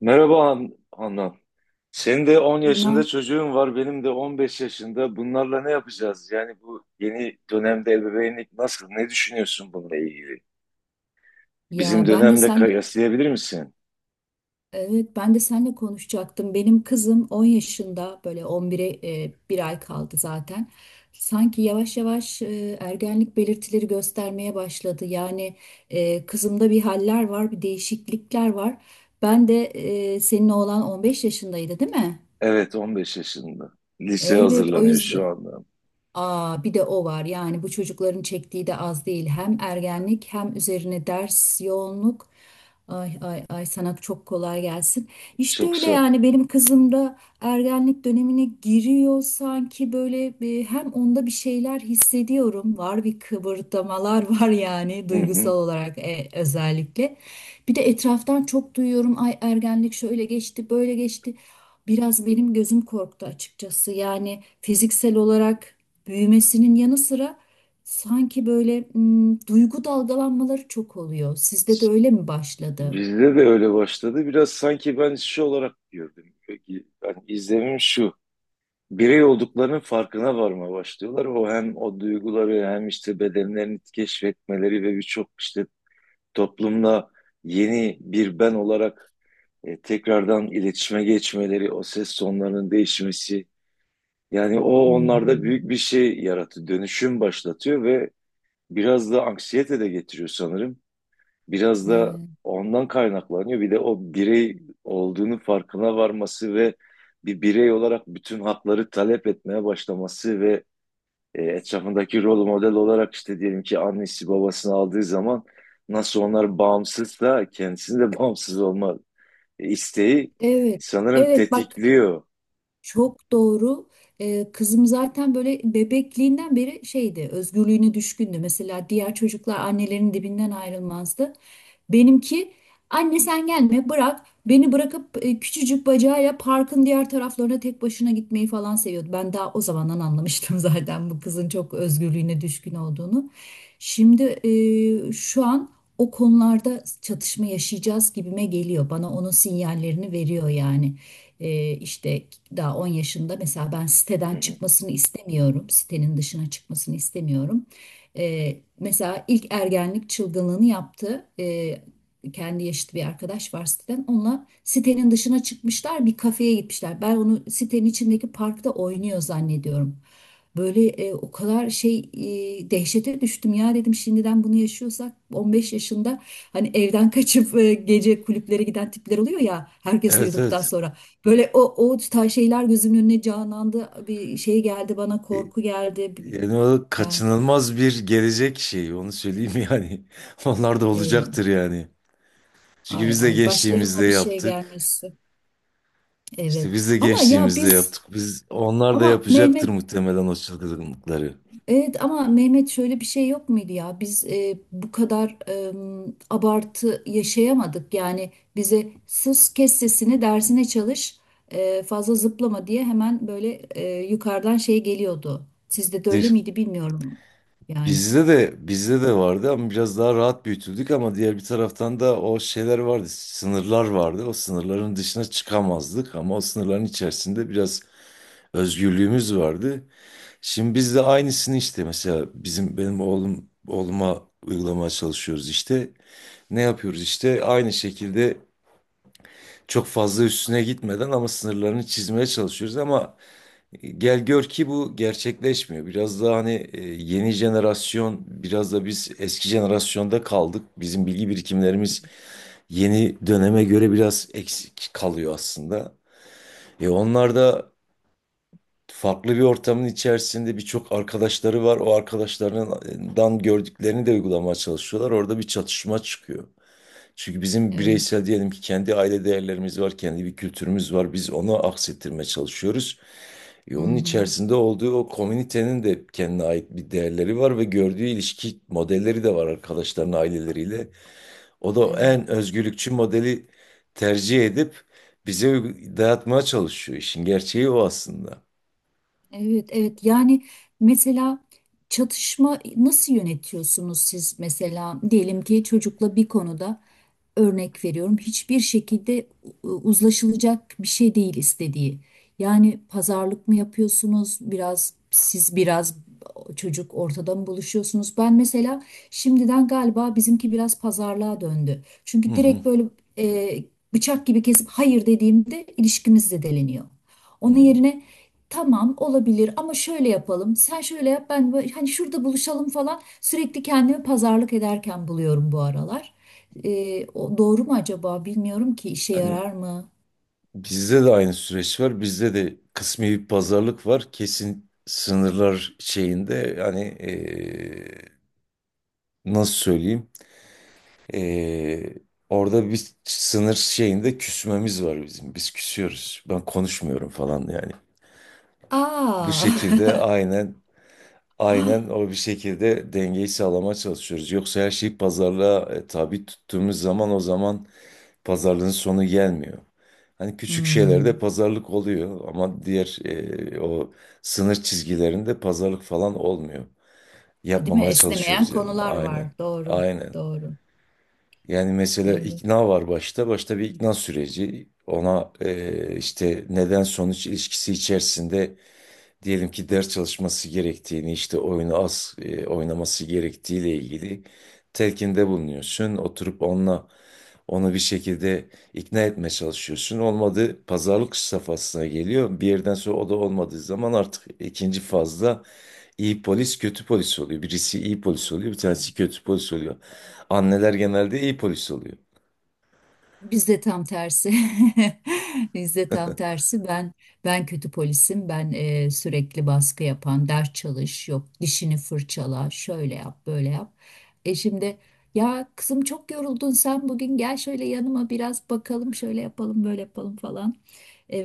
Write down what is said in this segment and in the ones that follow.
Merhaba Anna. Senin de 10 yaşında Ne? çocuğun var, benim de 15 yaşında. Bunlarla ne yapacağız? Yani bu yeni dönemde ebeveynlik nasıl? Ne düşünüyorsun bununla ilgili? Ya Bizim ben de dönemde senle kıyaslayabilir misin? Evet, ben de senle konuşacaktım. Benim kızım 10 yaşında, böyle 11'e bir ay kaldı zaten. Sanki yavaş yavaş ergenlik belirtileri göstermeye başladı. Yani, kızımda bir haller var, bir değişiklikler var. Ben de Senin oğlan 15 yaşındaydı, değil mi? Evet, 15 yaşında. Lise Evet. o hazırlanıyor şu yüzden anda. Aa, bir de o var. Yani bu çocukların çektiği de az değil. Hem ergenlik hem üzerine ders yoğunluk. Ay ay ay, sana çok kolay gelsin. İşte Çok öyle sağ ol. yani, benim kızım da ergenlik dönemine giriyor sanki. Böyle bir, hem onda bir şeyler hissediyorum. Var bir kıvırtmalar var, yani Hı hı. duygusal olarak, özellikle. Bir de etraftan çok duyuyorum. Ay, ergenlik şöyle geçti, böyle geçti. Biraz benim gözüm korktu açıkçası. Yani fiziksel olarak büyümesinin yanı sıra sanki böyle, duygu dalgalanmaları çok oluyor. Sizde de öyle mi başladı? Bizde de öyle başladı. Biraz sanki ben şu olarak gördüm. Peki, yani izlemim şu. Birey olduklarının farkına varmaya başlıyorlar. O hem o duyguları hem işte bedenlerini keşfetmeleri ve birçok işte toplumla yeni bir ben olarak tekrardan iletişime geçmeleri, o ses tonlarının değişmesi, yani o onlarda Hmm. büyük bir şey yaratıyor, dönüşüm başlatıyor ve biraz da anksiyete de getiriyor sanırım. Biraz da Evet. ondan kaynaklanıyor. Bir de o birey olduğunu farkına varması ve bir birey olarak bütün hakları talep etmeye başlaması ve etrafındaki rol model olarak işte diyelim ki annesi babasını aldığı zaman nasıl onlar bağımsızsa kendisinin de bağımsız olma isteği Evet. sanırım Evet bak, tetikliyor. çok doğru. Kızım zaten böyle bebekliğinden beri şeydi, özgürlüğüne düşkündü. Mesela diğer çocuklar annelerinin dibinden ayrılmazdı. Benimki, anne sen gelme bırak beni, bırakıp küçücük bacağıyla parkın diğer taraflarına tek başına gitmeyi falan seviyordu. Ben daha o zamandan anlamıştım zaten bu kızın çok özgürlüğüne düşkün olduğunu. Şimdi şu an o konularda çatışma yaşayacağız gibime geliyor. Bana onun sinyallerini veriyor yani. İşte daha 10 yaşında mesela, ben Hı siteden hı. çıkmasını istemiyorum. Sitenin dışına çıkmasını istemiyorum. Mesela ilk ergenlik çılgınlığını yaptı. Kendi yaşıt bir arkadaş var siteden. Onunla sitenin dışına çıkmışlar, bir kafeye gitmişler. Ben onu sitenin içindeki parkta oynuyor zannediyorum. Böyle o kadar şey, dehşete düştüm ya, dedim, şimdiden bunu yaşıyorsak 15 yaşında hani evden kaçıp gece kulüplere giden tipler oluyor ya, herkes Evet, uyuduktan evet. sonra. Böyle o tarz şeyler gözümün önüne canlandı, bir şey geldi bana, E, korku geldi. Yani o Yani, kaçınılmaz bir gelecek şeyi, onu söyleyeyim yani. Onlar da e, olacaktır yani. Çünkü ay biz de ay, gençliğimizde başlarına bir şey yaptık. gelmesi. İşte Evet. biz de Ama ya gençliğimizde biz yaptık. Biz onlar da ama yapacaktır Mehmet muhtemelen o çılgınlıkları. evet ama Mehmet şöyle bir şey yok muydu ya? Biz bu kadar abartı yaşayamadık. Yani bize sus, kes sesini, dersine çalış, fazla zıplama diye hemen böyle yukarıdan şey geliyordu. Sizde de öyle miydi bilmiyorum. Yani Bizde de vardı ama biraz daha rahat büyütüldük, ama diğer bir taraftan da o şeyler vardı, sınırlar vardı. O sınırların dışına çıkamazdık ama o sınırların içerisinde biraz özgürlüğümüz vardı. Şimdi biz de aynısını işte mesela benim oğluma uygulamaya çalışıyoruz işte. Ne yapıyoruz işte aynı şekilde çok fazla üstüne gitmeden ama sınırlarını çizmeye çalışıyoruz, ama gel gör ki bu gerçekleşmiyor. Biraz daha hani yeni jenerasyon, biraz da biz eski jenerasyonda kaldık. Bizim bilgi birikimlerimiz yeni döneme göre biraz eksik kalıyor aslında. Onlar da farklı bir ortamın içerisinde, birçok arkadaşları var. O arkadaşlarından gördüklerini de uygulamaya çalışıyorlar. Orada bir çatışma çıkıyor. Çünkü bizim evet. bireysel diyelim ki kendi aile değerlerimiz var, kendi bir kültürümüz var. Biz onu aksettirmeye çalışıyoruz. Hı Onun hı. içerisinde olduğu o komünitenin de kendine ait bir değerleri var ve gördüğü ilişki modelleri de var arkadaşlarının aileleriyle. O da en Evet. özgürlükçü modeli tercih edip bize dayatmaya çalışıyor. İşin gerçeği o aslında. Evet, evet. Yani mesela çatışma nasıl yönetiyorsunuz siz? Mesela diyelim ki çocukla bir konuda, örnek veriyorum, hiçbir şekilde uzlaşılacak bir şey değil istediği. Yani pazarlık mı yapıyorsunuz? Biraz siz, biraz çocuk ortada mı buluşuyorsunuz? Ben mesela şimdiden galiba bizimki biraz pazarlığa döndü. Hı Çünkü hı. direkt böyle e, bıçak gibi kesip hayır dediğimde ilişkimiz deleniyor. Onun Hı. yerine tamam olabilir ama şöyle yapalım. Sen şöyle yap, ben böyle, hani şurada buluşalım falan, sürekli kendimi pazarlık ederken buluyorum bu aralar. O doğru mu acaba? Bilmiyorum ki işe Hani yarar mı? bizde de aynı süreç var. Bizde de kısmi bir pazarlık var. Kesin sınırlar şeyinde yani nasıl söyleyeyim? Ee, Orada bir sınır şeyinde küsmemiz var bizim. Biz küsüyoruz. Ben konuşmuyorum falan yani. Bu Aa. şekilde aynen, aynen, o bir şekilde dengeyi sağlamaya çalışıyoruz. Yoksa her şeyi pazarlığa tabi tuttuğumuz zaman o zaman pazarlığın sonu gelmiyor. Hani küçük şeylerde Hmm. pazarlık oluyor ama diğer o sınır çizgilerinde pazarlık falan olmuyor. Değil mi? Yapmamaya Esnemeyen çalışıyoruz yani. konular Aynen. var. Doğru. Aynen. Doğru. Yani mesela Evet. ikna var başta. Başta bir ikna süreci. Ona işte neden sonuç ilişkisi içerisinde diyelim ki ders çalışması gerektiğini, işte oyunu az oynaması gerektiğiyle ilgili telkinde bulunuyorsun. Oturup onunla onu bir şekilde ikna etmeye çalışıyorsun. Olmadı, pazarlık safhasına geliyor. Bir yerden sonra o da olmadığı zaman artık ikinci fazda iyi polis kötü polis oluyor. Birisi iyi polis oluyor, bir Hmm. tanesi kötü polis oluyor. Anneler genelde iyi polis oluyor. Bizde tam tersi. Bizde tam tersi. Ben kötü polisim. Ben sürekli baskı yapan, ders çalış, yok dişini fırçala, şöyle yap, böyle yap. Şimdi, ya kızım çok yoruldun sen bugün, gel şöyle yanıma biraz, bakalım şöyle yapalım, böyle yapalım falan.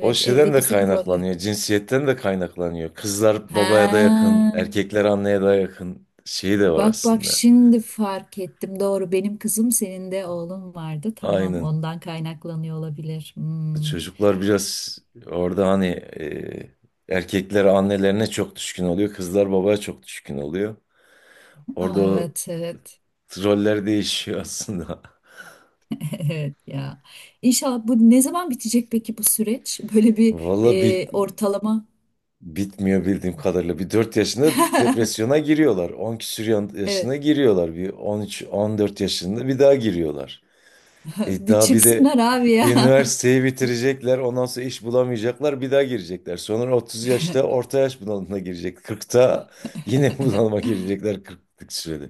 O şeyden evde de bizim roller. kaynaklanıyor, cinsiyetten de kaynaklanıyor. Kızlar babaya da yakın, Ha, erkekler anneye daha yakın şeyi de var bak bak, aslında. şimdi fark ettim. Doğru, benim kızım, senin de oğlum vardı. Tamam, Aynen. ondan kaynaklanıyor olabilir. Hmm. Çocuklar biraz orada hani erkekler annelerine çok düşkün oluyor, kızlar babaya çok düşkün oluyor. Orada o Evet evet. roller değişiyor aslında. Evet ya. İnşallah bu ne zaman bitecek peki bu süreç? Böyle bir Valla ortalama. bitmiyor bildiğim kadarıyla. Bir 4 yaşında depresyona giriyorlar. 10 küsur Evet, yaşına giriyorlar. Bir 13-14 yaşında bir daha giriyorlar. Bir Daha bir de çıksınlar abi ya. üniversiteyi bitirecekler. Ondan sonra iş bulamayacaklar. Bir daha girecekler. Sonra 30 yaşta orta yaş bunalımına girecek. 40'ta yine bunalıma girecekler 40'lık sürede.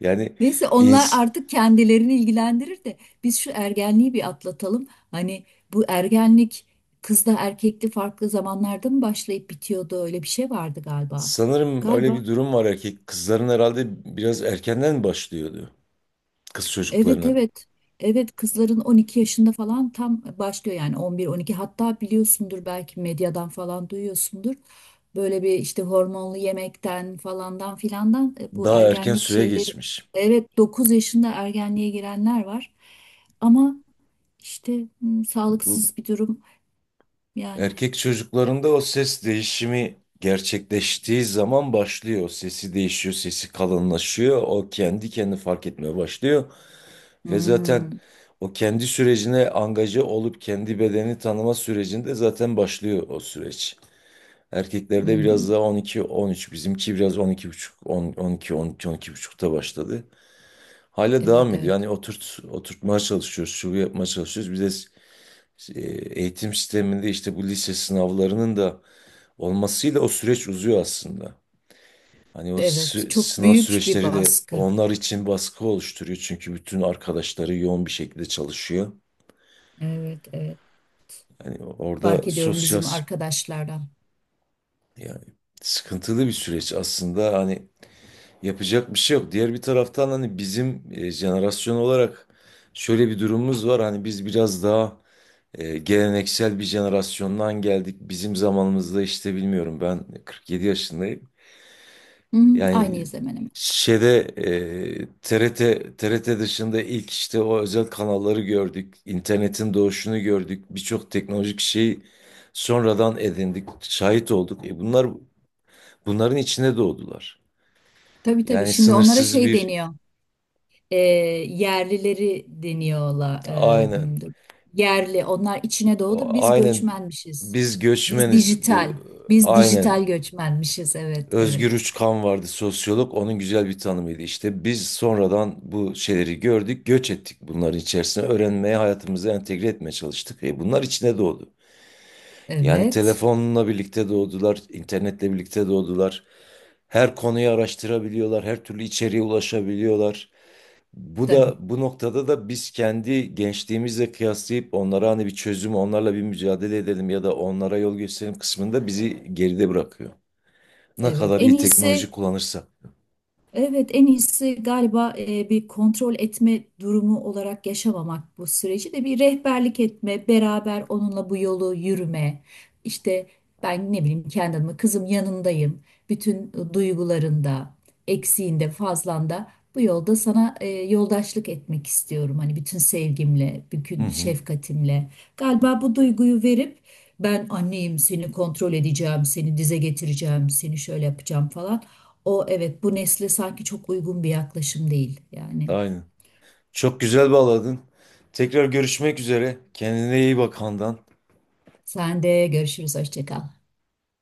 Yani Neyse, onlar ins artık kendilerini ilgilendirir de biz şu ergenliği bir atlatalım. Hani bu ergenlik kızda erkekli farklı zamanlarda mı başlayıp bitiyordu? Öyle bir şey vardı galiba. sanırım öyle Galiba. bir durum var erkek. Kızların herhalde biraz erkenden başlıyordu. Kız Evet çocuklarının. evet. Evet, kızların 12 yaşında falan tam başlıyor yani, 11-12, hatta biliyorsundur, belki medyadan falan duyuyorsundur. Böyle bir işte hormonlu yemekten falandan filandan bu Daha erken ergenlik süre şeyleri, geçmiş. evet, 9 yaşında ergenliğe girenler var. Ama işte Bu sağlıksız bir durum yani. Erkek çocuklarında o ses değişimi gerçekleştiği zaman başlıyor. Sesi değişiyor, sesi kalınlaşıyor. O kendi kendini fark etmeye başlıyor. Ve zaten Hmm, o kendi sürecine angaje olup kendi bedeni tanıma sürecinde zaten başlıyor o süreç. hı Erkeklerde hı. biraz daha 12-13, bizimki biraz 12,5, 10, 12, 12, on iki 12,5'te başladı. Hala Evet devam ediyor. evet. Yani oturtmaya çalışıyoruz, şu yapmaya çalışıyoruz. Bir de e, eğitim sisteminde işte bu lise sınavlarının da olmasıyla o süreç uzuyor aslında. Hani o Evet, çok sınav büyük bir süreçleri de baskı. onlar için baskı oluşturuyor. Çünkü bütün arkadaşları yoğun bir şekilde çalışıyor. Evet evet. Hani Fark orada ediyorum sosyal, bizim arkadaşlardan. yani sıkıntılı bir süreç aslında. Hani yapacak bir şey yok. Diğer bir taraftan hani bizim jenerasyon olarak şöyle bir durumumuz var. Hani biz biraz daha geleneksel bir jenerasyondan geldik. Bizim zamanımızda işte bilmiyorum, ben 47 yaşındayım. Hı hı, Yani aynıyız hemen hemen. şeyde TRT dışında ilk işte o özel kanalları gördük. İnternetin doğuşunu gördük. Birçok teknolojik şeyi sonradan edindik, şahit olduk. Bunların içine doğdular. Tabii tabii. Yani Şimdi onlara sınırsız şey bir. deniyor. E, Yerlileri deniyorlar. Aynen. Yerli. Onlar içine doğdu. Biz Aynen göçmenmişiz. biz Biz göçmeniz bu. dijital. Biz Aynen. dijital göçmenmişiz. Evet, evet, Özgür Uçkan vardı, sosyolog. Onun güzel bir tanımıydı. İşte biz sonradan bu şeyleri gördük, göç ettik bunların içerisine. Öğrenmeye, hayatımıza entegre etmeye çalıştık. Bunlar içine doğdu. Yani evet. telefonla birlikte doğdular, internetle birlikte doğdular. Her konuyu araştırabiliyorlar, her türlü içeriğe ulaşabiliyorlar. Bu Tabii. da bu noktada da biz kendi gençliğimizle kıyaslayıp onlara hani bir çözüm, onlarla bir mücadele edelim ya da onlara yol gösterelim kısmında bizi geride bırakıyor. Ne Evet. kadar En iyi teknoloji iyisi. kullanırsa. Evet, en iyisi galiba bir kontrol etme durumu olarak yaşamamak bu süreci de, bir rehberlik etme, beraber onunla bu yolu yürüme. İşte ben ne bileyim, kendi adıma, kızım yanındayım. Bütün duygularında, eksiğinde, fazlanda, bu yolda sana yoldaşlık etmek istiyorum. Hani bütün sevgimle, Hı bütün hı. şefkatimle. Galiba bu duyguyu verip, ben anneyim, seni kontrol edeceğim, seni dize getireceğim, seni şöyle yapacağım falan, o evet, bu nesle sanki çok uygun bir yaklaşım değil. Yani Aynen. Çok güzel bağladın. Tekrar görüşmek üzere. Kendine iyi bak, Handan. sen de görüşürüz, hoşça kal.